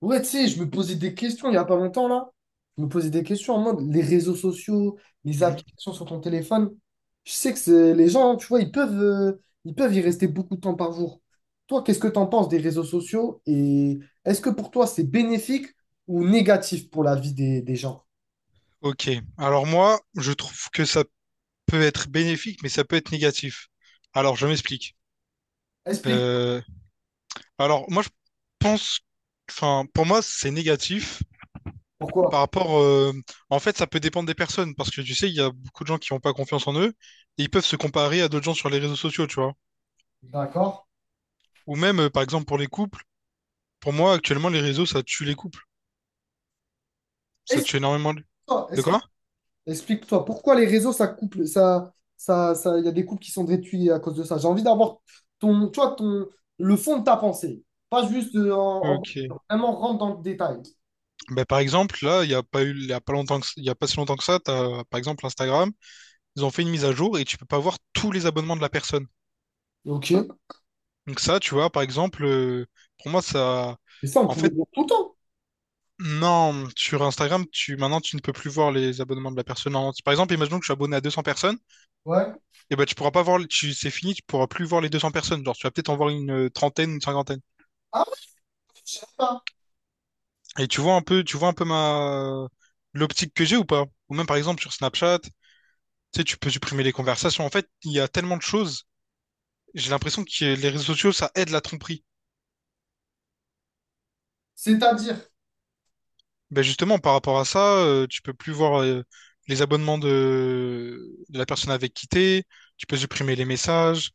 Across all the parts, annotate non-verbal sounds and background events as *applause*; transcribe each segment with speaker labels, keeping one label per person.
Speaker 1: Ouais, tu sais, je me posais des questions il n'y a pas longtemps, là. Je me posais des questions en mode les réseaux sociaux, les
Speaker 2: Mhm.
Speaker 1: applications sur ton téléphone. Je sais que les gens, tu vois, ils peuvent y rester beaucoup de temps par jour. Toi, qu'est-ce que tu en penses des réseaux sociaux et est-ce que pour toi, c'est bénéfique ou négatif pour la vie des gens?
Speaker 2: Ok. Alors moi, je trouve que ça peut être bénéfique, mais ça peut être négatif. Alors, je m'explique.
Speaker 1: Explique
Speaker 2: Euh, moi, pense, pour moi, c'est négatif
Speaker 1: pourquoi.
Speaker 2: par rapport, en fait, Ça peut dépendre des personnes, parce que tu sais, il y a beaucoup de gens qui n'ont pas confiance en eux, et ils peuvent se comparer à d'autres gens sur les réseaux sociaux, tu vois.
Speaker 1: D'accord.
Speaker 2: Ou même, par exemple, pour les couples. Pour moi, actuellement, les réseaux, ça tue les couples. Ça tue énormément.
Speaker 1: Explique-toi,
Speaker 2: De
Speaker 1: explique-toi
Speaker 2: quoi?
Speaker 1: Explique-toi, pourquoi les réseaux, ça couple, il y a des couples qui sont détruits à cause de ça. J'ai envie d'avoir ton, tu vois, ton, le fond de ta pensée, pas juste
Speaker 2: Ok.
Speaker 1: vraiment rentre dans le détail.
Speaker 2: Ben, par exemple, là, il n'y a pas eu, il y a pas longtemps que- il y a pas si longtemps que ça, t'as, par exemple, Instagram, ils ont fait une mise à jour et tu peux pas voir tous les abonnements de la personne.
Speaker 1: Ok.
Speaker 2: Donc ça, tu vois, par exemple, pour moi, ça,
Speaker 1: Mais ça, on
Speaker 2: en
Speaker 1: pouvait
Speaker 2: fait,
Speaker 1: le dire tout le temps.
Speaker 2: non, sur Instagram, maintenant, tu ne peux plus voir les abonnements de la personne. En Par exemple, imaginons que je suis abonné à 200 personnes,
Speaker 1: Ouais.
Speaker 2: et ben, tu pourras pas voir, c'est fini, tu pourras plus voir les 200 personnes. Genre, tu vas peut-être en voir une trentaine, une cinquantaine.
Speaker 1: Ah ouais, je sais pas.
Speaker 2: Et tu vois un peu, tu vois un peu ma l'optique que j'ai ou pas? Ou même par exemple sur Snapchat, tu sais, tu peux supprimer les conversations. En fait, il y a tellement de choses. J'ai l'impression que les réseaux sociaux, ça aide la tromperie.
Speaker 1: C'est-à-dire.
Speaker 2: Ben justement, par rapport à ça, tu peux plus voir les abonnements de la personne avec qui t'es, tu peux supprimer les messages.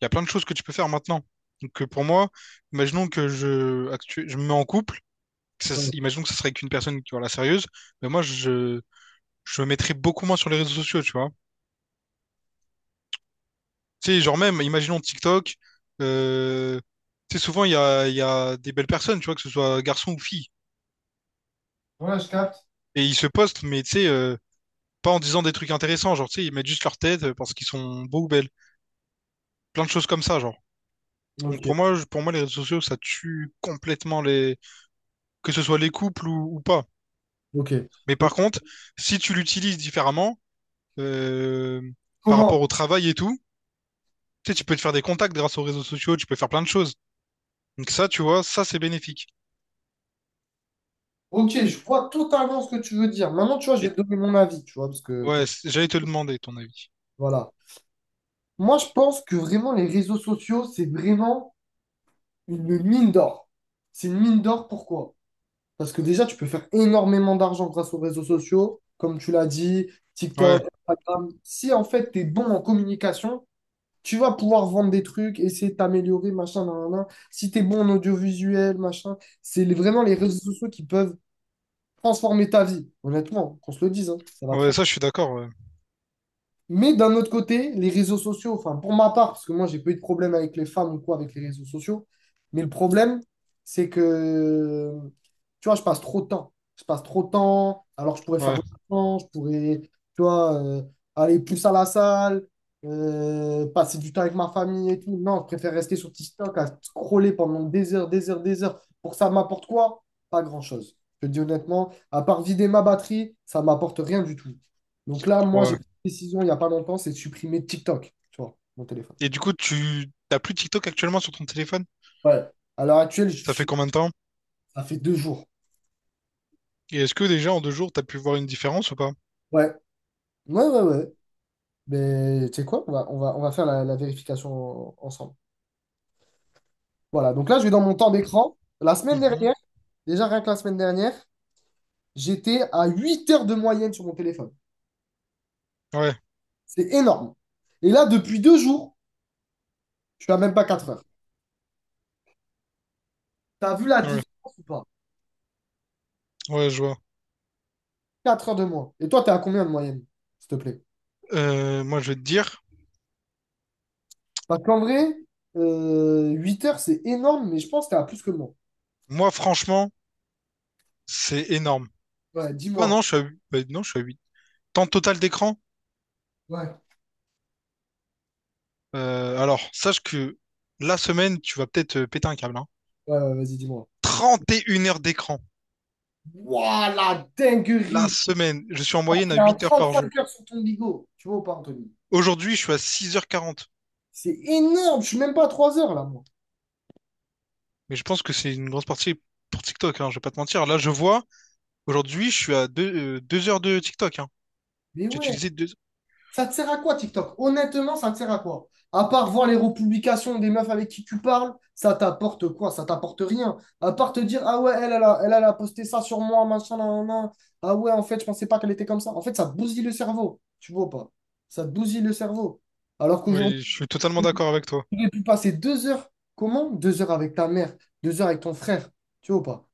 Speaker 2: Il y a plein de choses que tu peux faire maintenant. Donc pour moi, imaginons que je me mets en couple,
Speaker 1: Euh,
Speaker 2: imaginons que ce serait avec une personne qui la sérieuse, mais je me mettrais beaucoup moins sur les réseaux sociaux, tu vois. Tu sais, genre même, imaginons TikTok, euh, tu sais, souvent, il y a des belles personnes, tu vois, que ce soit garçon ou fille.
Speaker 1: Ouais, je capte.
Speaker 2: Et ils se postent, mais tu sais, pas en disant des trucs intéressants, genre, tu sais, ils mettent juste leur tête parce qu'ils sont beaux ou belles. Plein de choses comme ça, genre.
Speaker 1: Ok.
Speaker 2: Pour moi, les réseaux sociaux, ça tue complètement les... que ce soit les couples ou pas.
Speaker 1: Ok.
Speaker 2: Mais
Speaker 1: Donc,
Speaker 2: par contre, si tu l'utilises différemment, euh, par
Speaker 1: comment?
Speaker 2: rapport au travail et tout, tu sais, tu peux te faire des contacts grâce aux réseaux sociaux, tu peux faire plein de choses. Donc ça, tu vois, ça, c'est bénéfique.
Speaker 1: Ok, je vois totalement ce que tu veux dire. Maintenant, tu vois, je vais te donner mon avis, tu vois, parce que,
Speaker 2: Ouais, j'allais te le demander ton avis.
Speaker 1: voilà. Moi, je pense que vraiment, les réseaux sociaux, c'est vraiment une mine d'or. C'est une mine d'or, pourquoi? Parce que déjà, tu peux faire énormément d'argent grâce aux réseaux sociaux, comme tu l'as dit,
Speaker 2: Ouais,
Speaker 1: TikTok, Instagram. Si en fait, tu es bon en communication, tu vas pouvoir vendre des trucs, essayer de t'améliorer, machin, nan, nan, nan. Si tu es bon en audiovisuel, machin, c'est vraiment les réseaux sociaux qui peuvent transformer ta vie. Honnêtement, qu'on se le dise, hein, ça va.
Speaker 2: ouais, ça je suis d'accord. Ouais,
Speaker 1: Mais d'un autre côté, les réseaux sociaux, enfin pour ma part, parce que moi j'ai pas eu de problème avec les femmes ou quoi avec les réseaux sociaux, mais le problème, c'est que, tu vois, je passe trop de temps. Je passe trop de temps, alors que je pourrais faire
Speaker 2: ouais,
Speaker 1: de l'argent, je pourrais, tu vois, aller plus à la salle, passer du temps avec ma famille et tout. Non, je préfère rester sur TikTok à scroller pendant des heures, des heures, des heures. Pour ça, ça m'apporte quoi? Pas grand-chose. Je te dis honnêtement, à part vider ma batterie, ça m'apporte rien du tout. Donc là, moi, j'ai
Speaker 2: ouais.
Speaker 1: décision il n'y a pas longtemps, c'est de supprimer TikTok, tu vois, mon téléphone.
Speaker 2: Et du coup, tu t'as plus TikTok actuellement sur ton téléphone?
Speaker 1: Ouais. À l'heure actuelle,
Speaker 2: Ça fait combien de temps?
Speaker 1: ça fait deux jours.
Speaker 2: Et est-ce que déjà en deux jours, t'as pu voir une différence ou pas?
Speaker 1: Ouais, ouais, ouais, ouais. Mais tu sais quoi? On va faire la vérification ensemble. Voilà, donc là, je vais dans mon temps d'écran. La semaine
Speaker 2: Mhm.
Speaker 1: dernière, déjà rien que la semaine dernière, j'étais à 8 heures de moyenne sur mon téléphone.
Speaker 2: Ouais,
Speaker 1: C'est énorme. Et là, depuis deux jours, je suis à même pas 4
Speaker 2: mmh,
Speaker 1: heures. T'as vu la
Speaker 2: ouais,
Speaker 1: différence ou pas?
Speaker 2: ouais, je vois.
Speaker 1: 4 heures de moins. Et toi, t'es à combien de moyenne, s'il te plaît?
Speaker 2: Moi, je vais te dire,
Speaker 1: Parce qu'en vrai, 8 heures, c'est énorme, mais je pense que t'as plus que le monde.
Speaker 2: moi, franchement, c'est énorme.
Speaker 1: Ouais,
Speaker 2: Ah
Speaker 1: dis-moi.
Speaker 2: non, je suis à 8. Bah, non, je suis à 8. Temps total d'écran?
Speaker 1: Ouais,
Speaker 2: Alors, sache que la semaine, tu vas peut-être péter un câble, hein.
Speaker 1: ouais, ouais, vas-y, dis-moi.
Speaker 2: 31 heures d'écran.
Speaker 1: Waouh, la
Speaker 2: La
Speaker 1: dinguerie!
Speaker 2: semaine, je suis en
Speaker 1: T'as
Speaker 2: moyenne à
Speaker 1: fait un
Speaker 2: 8 heures par jour.
Speaker 1: cinq heures sur ton bigot. Tu vois ou pas, Anthony?
Speaker 2: Aujourd'hui, je suis à 6 h 40.
Speaker 1: C'est énorme, je suis même pas à 3 heures là, moi.
Speaker 2: Mais je pense que c'est une grosse partie pour TikTok, hein, je vais pas te mentir. Là, je vois, aujourd'hui, je suis à 2 heures de TikTok. Hein.
Speaker 1: Mais
Speaker 2: J'ai
Speaker 1: ouais.
Speaker 2: utilisé deux...
Speaker 1: Ça te sert à quoi, TikTok? Honnêtement, ça te sert à quoi? À part voir les republications des meufs avec qui tu parles, ça t'apporte quoi? Ça t'apporte rien. À part te dire, ah ouais, elle a posté ça sur moi, machin, nan, nan, nan. Ah ouais, en fait, je pensais pas qu'elle était comme ça. En fait, ça te bousille le cerveau. Tu vois ou pas? Ça te bousille le cerveau. Alors qu'aujourd'hui,
Speaker 2: Oui, je suis totalement d'accord avec toi.
Speaker 1: tu aurais pu passer deux heures. Comment? Deux heures avec ta mère, deux heures avec ton frère. Tu vois ou pas?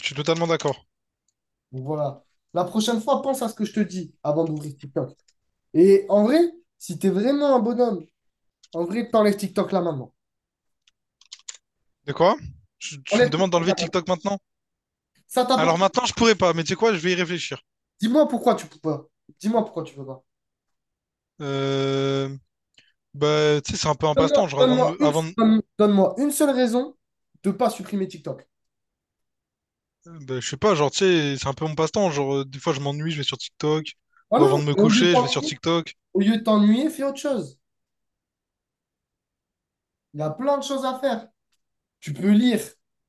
Speaker 2: Je suis totalement d'accord.
Speaker 1: Donc voilà. La prochaine fois, pense à ce que je te dis avant d'ouvrir TikTok. Et en vrai, si tu es vraiment un bonhomme. En vrai, t'enlèves TikTok là maintenant.
Speaker 2: De quoi? Tu me
Speaker 1: Enlève-.
Speaker 2: demandes d'enlever TikTok maintenant?
Speaker 1: Ça t'apporte.
Speaker 2: Alors maintenant, je pourrais pas, mais tu sais quoi, je vais y réfléchir.
Speaker 1: Dis-moi pourquoi tu peux pas. Dis-moi pourquoi tu peux pas.
Speaker 2: Euh, bah, tu sais, c'est un peu un
Speaker 1: Donne-moi
Speaker 2: passe-temps. Genre, avant de
Speaker 1: donne-moi
Speaker 2: me-
Speaker 1: une,
Speaker 2: avant de-
Speaker 1: donne-moi une seule raison de pas supprimer TikTok.
Speaker 2: bah, je sais pas, genre, tu sais, c'est un peu mon passe-temps. Genre, des fois, je m'ennuie, je vais sur TikTok. Ou
Speaker 1: Voilà.
Speaker 2: avant de me
Speaker 1: Et au lieu de
Speaker 2: coucher, je vais sur
Speaker 1: t'ennuyer,
Speaker 2: TikTok.
Speaker 1: au lieu de t'ennuyer, fais autre chose. Il y a plein de choses à faire. Tu peux lire,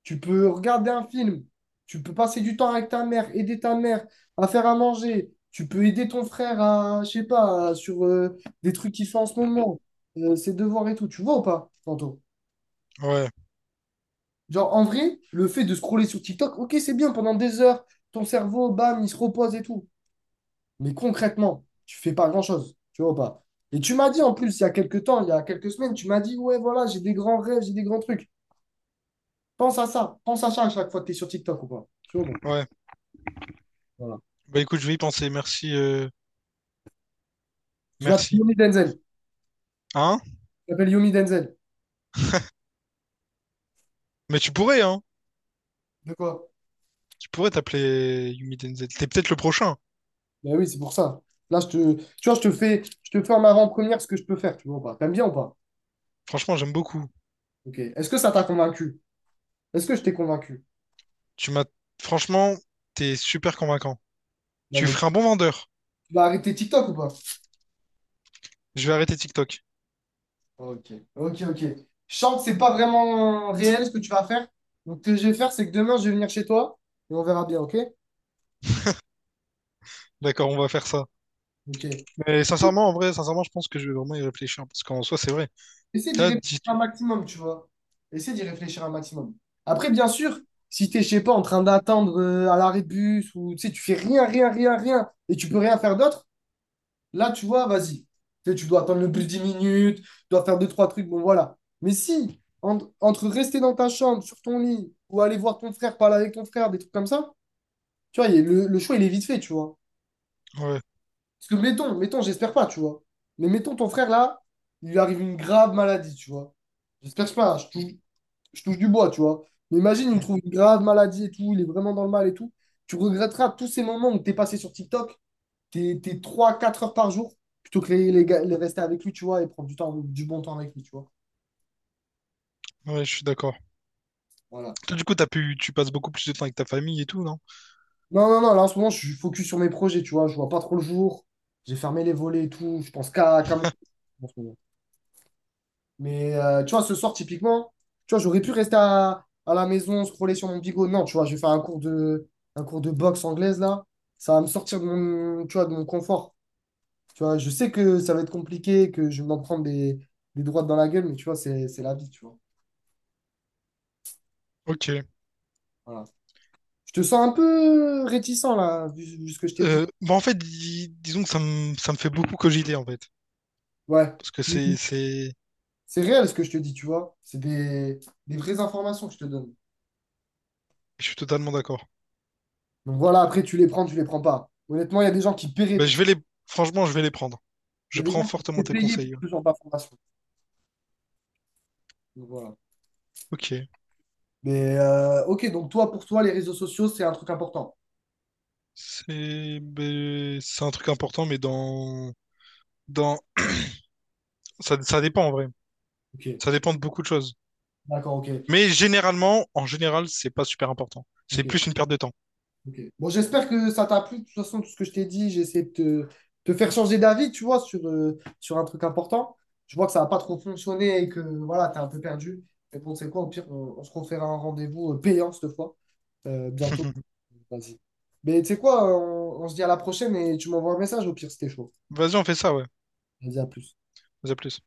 Speaker 1: tu peux regarder un film, tu peux passer du temps avec ta mère, aider ta mère à faire à manger, tu peux aider ton frère à, je sais pas, sur des trucs qu'il fait en ce moment, ses devoirs et tout. Tu vois ou pas, tantôt.
Speaker 2: Ouais,
Speaker 1: Genre, en vrai, le fait de scroller sur TikTok, ok, c'est bien pendant des heures, ton cerveau, bam, il se repose et tout. Mais concrètement, tu fais pas grand-chose, tu vois ou pas. Et tu m'as dit en plus, il y a quelques temps, il y a quelques semaines, tu m'as dit, ouais, voilà, j'ai des grands rêves, j'ai des grands trucs. Pense à ça à chaque fois que tu es sur TikTok ou pas. Tu vois ou pas?
Speaker 2: ouais.
Speaker 1: Voilà.
Speaker 2: Bah, écoute, je vais y penser. Merci,
Speaker 1: Je m'appelle
Speaker 2: merci.
Speaker 1: Yomi Denzel.
Speaker 2: Hein?
Speaker 1: Je m'appelle Yomi Denzel.
Speaker 2: Mais tu pourrais, hein?
Speaker 1: De quoi?
Speaker 2: Tu pourrais t'appeler Yumi Denzel. T'es peut-être le prochain.
Speaker 1: Ben oui, c'est pour ça. Là, tu vois, je te fais en avant-première ce que je peux faire, tu vois ou pas. T'aimes bien ou pas?
Speaker 2: Franchement, j'aime beaucoup.
Speaker 1: Ok. Est-ce que ça t'a convaincu? Est-ce que je t'ai convaincu?
Speaker 2: Tu m'as, franchement, t'es super convaincant.
Speaker 1: Non,
Speaker 2: Tu
Speaker 1: mais
Speaker 2: ferais un bon vendeur.
Speaker 1: tu vas arrêter TikTok ou pas?
Speaker 2: Je vais arrêter TikTok.
Speaker 1: Ok, ok, ok. Je sens que c'est pas vraiment réel ce que tu vas faire. Donc, ce que je vais faire, c'est que demain, je vais venir chez toi et on verra bien, ok?
Speaker 2: D'accord, on va faire ça.
Speaker 1: Ok.
Speaker 2: Mais sincèrement, en vrai, sincèrement, je pense que je vais vraiment y réfléchir. Parce qu'en soi, c'est vrai.
Speaker 1: Essaie d'y
Speaker 2: Là
Speaker 1: réfléchir
Speaker 2: dit...
Speaker 1: un maximum, tu vois. Essaie d'y réfléchir un maximum. Après, bien sûr, si t'es, je sais pas, en train d'attendre à l'arrêt de bus ou tu sais, tu fais rien, rien, rien, rien et tu peux rien faire d'autre, là, tu vois, vas-y. Tu sais, tu dois attendre le plus de 10 minutes, tu dois faire deux, trois trucs, bon, voilà. Mais si, entre rester dans ta chambre, sur ton lit ou aller voir ton frère, parler avec ton frère, des trucs comme ça, tu vois, le choix, il est vite fait, tu vois.
Speaker 2: ouais.
Speaker 1: Parce que mettons, j'espère pas, tu vois. Mais mettons, ton frère, là, il lui arrive une grave maladie, tu vois. J'espère pas, je touche du bois, tu vois. Mais imagine, il me
Speaker 2: Mm.
Speaker 1: trouve une grave maladie et tout, il est vraiment dans le mal et tout. Tu regretteras tous ces moments où t'es passé sur TikTok, t'es trois quatre heures par jour, plutôt que les, gars- les rester avec lui, tu vois, et prendre du temps, du bon temps avec lui, tu vois.
Speaker 2: Ouais, je suis d'accord.
Speaker 1: Voilà.
Speaker 2: Toi, du coup, tu passes beaucoup plus de temps avec ta famille et tout, non?
Speaker 1: Non, non, non, là, en ce moment, je suis focus sur mes projets, tu vois. Je vois pas trop le jour. J'ai fermé les volets et tout. Je pense qu'à mon... Mais tu vois, ce soir, typiquement, tu vois, j'aurais pu rester à la maison, scroller sur mon bigot. Non, tu vois, je vais faire un cours de boxe anglaise, là. Ça va me sortir de mon, tu vois, de mon confort. Tu vois, je sais que ça va être compliqué, que je vais m'en prendre des droites dans la gueule, mais tu vois, c'est la vie, tu vois.
Speaker 2: Ok.
Speaker 1: Voilà. Je te sens un peu réticent, là, vu ce que je t'ai dit.
Speaker 2: Disons que ça me fait beaucoup cogiter, en fait.
Speaker 1: Ouais.
Speaker 2: Parce que c'est...
Speaker 1: C'est réel ce que je te dis, tu vois. C'est des vraies informations que je te donne.
Speaker 2: Je suis totalement d'accord.
Speaker 1: Donc voilà, après, tu les prends pas. Honnêtement, il y a des gens qui paieraient
Speaker 2: Bah,
Speaker 1: pour.
Speaker 2: je vais les... Franchement, je vais les prendre.
Speaker 1: Il y
Speaker 2: Je
Speaker 1: a des
Speaker 2: prends
Speaker 1: gens qui
Speaker 2: fortement
Speaker 1: étaient
Speaker 2: tes
Speaker 1: payés pour
Speaker 2: conseils. Ouais.
Speaker 1: ce genre d'informations. Donc, voilà.
Speaker 2: Ok.
Speaker 1: Mais ok, donc toi, pour toi, les réseaux sociaux, c'est un truc important.
Speaker 2: C'est... ben, c'est un truc important, mais dans... dans... Ça dépend, en vrai.
Speaker 1: Ok,
Speaker 2: Ça dépend de beaucoup de choses.
Speaker 1: d'accord, ok,
Speaker 2: Mais généralement, en général, c'est pas super important. C'est
Speaker 1: ok,
Speaker 2: plus une perte de temps.
Speaker 1: ok. Bon, j'espère que ça t'a plu. De toute façon, tout ce que je t'ai dit, j'ai essayé de te faire changer d'avis, tu vois, sur, sur un truc important. Je vois que ça n'a pas trop fonctionné et que voilà, t'es un peu perdu. Mais bon, c'est quoi, au pire, on se refera un rendez-vous payant cette fois, bientôt.
Speaker 2: *laughs*
Speaker 1: Vas-y. Mais tu sais quoi, on se dit à la prochaine et tu m'envoies un message au pire, c'était chaud.
Speaker 2: Vas-y, on fait ça, ouais.
Speaker 1: Vas-y, à plus.
Speaker 2: Vas-y, à plus.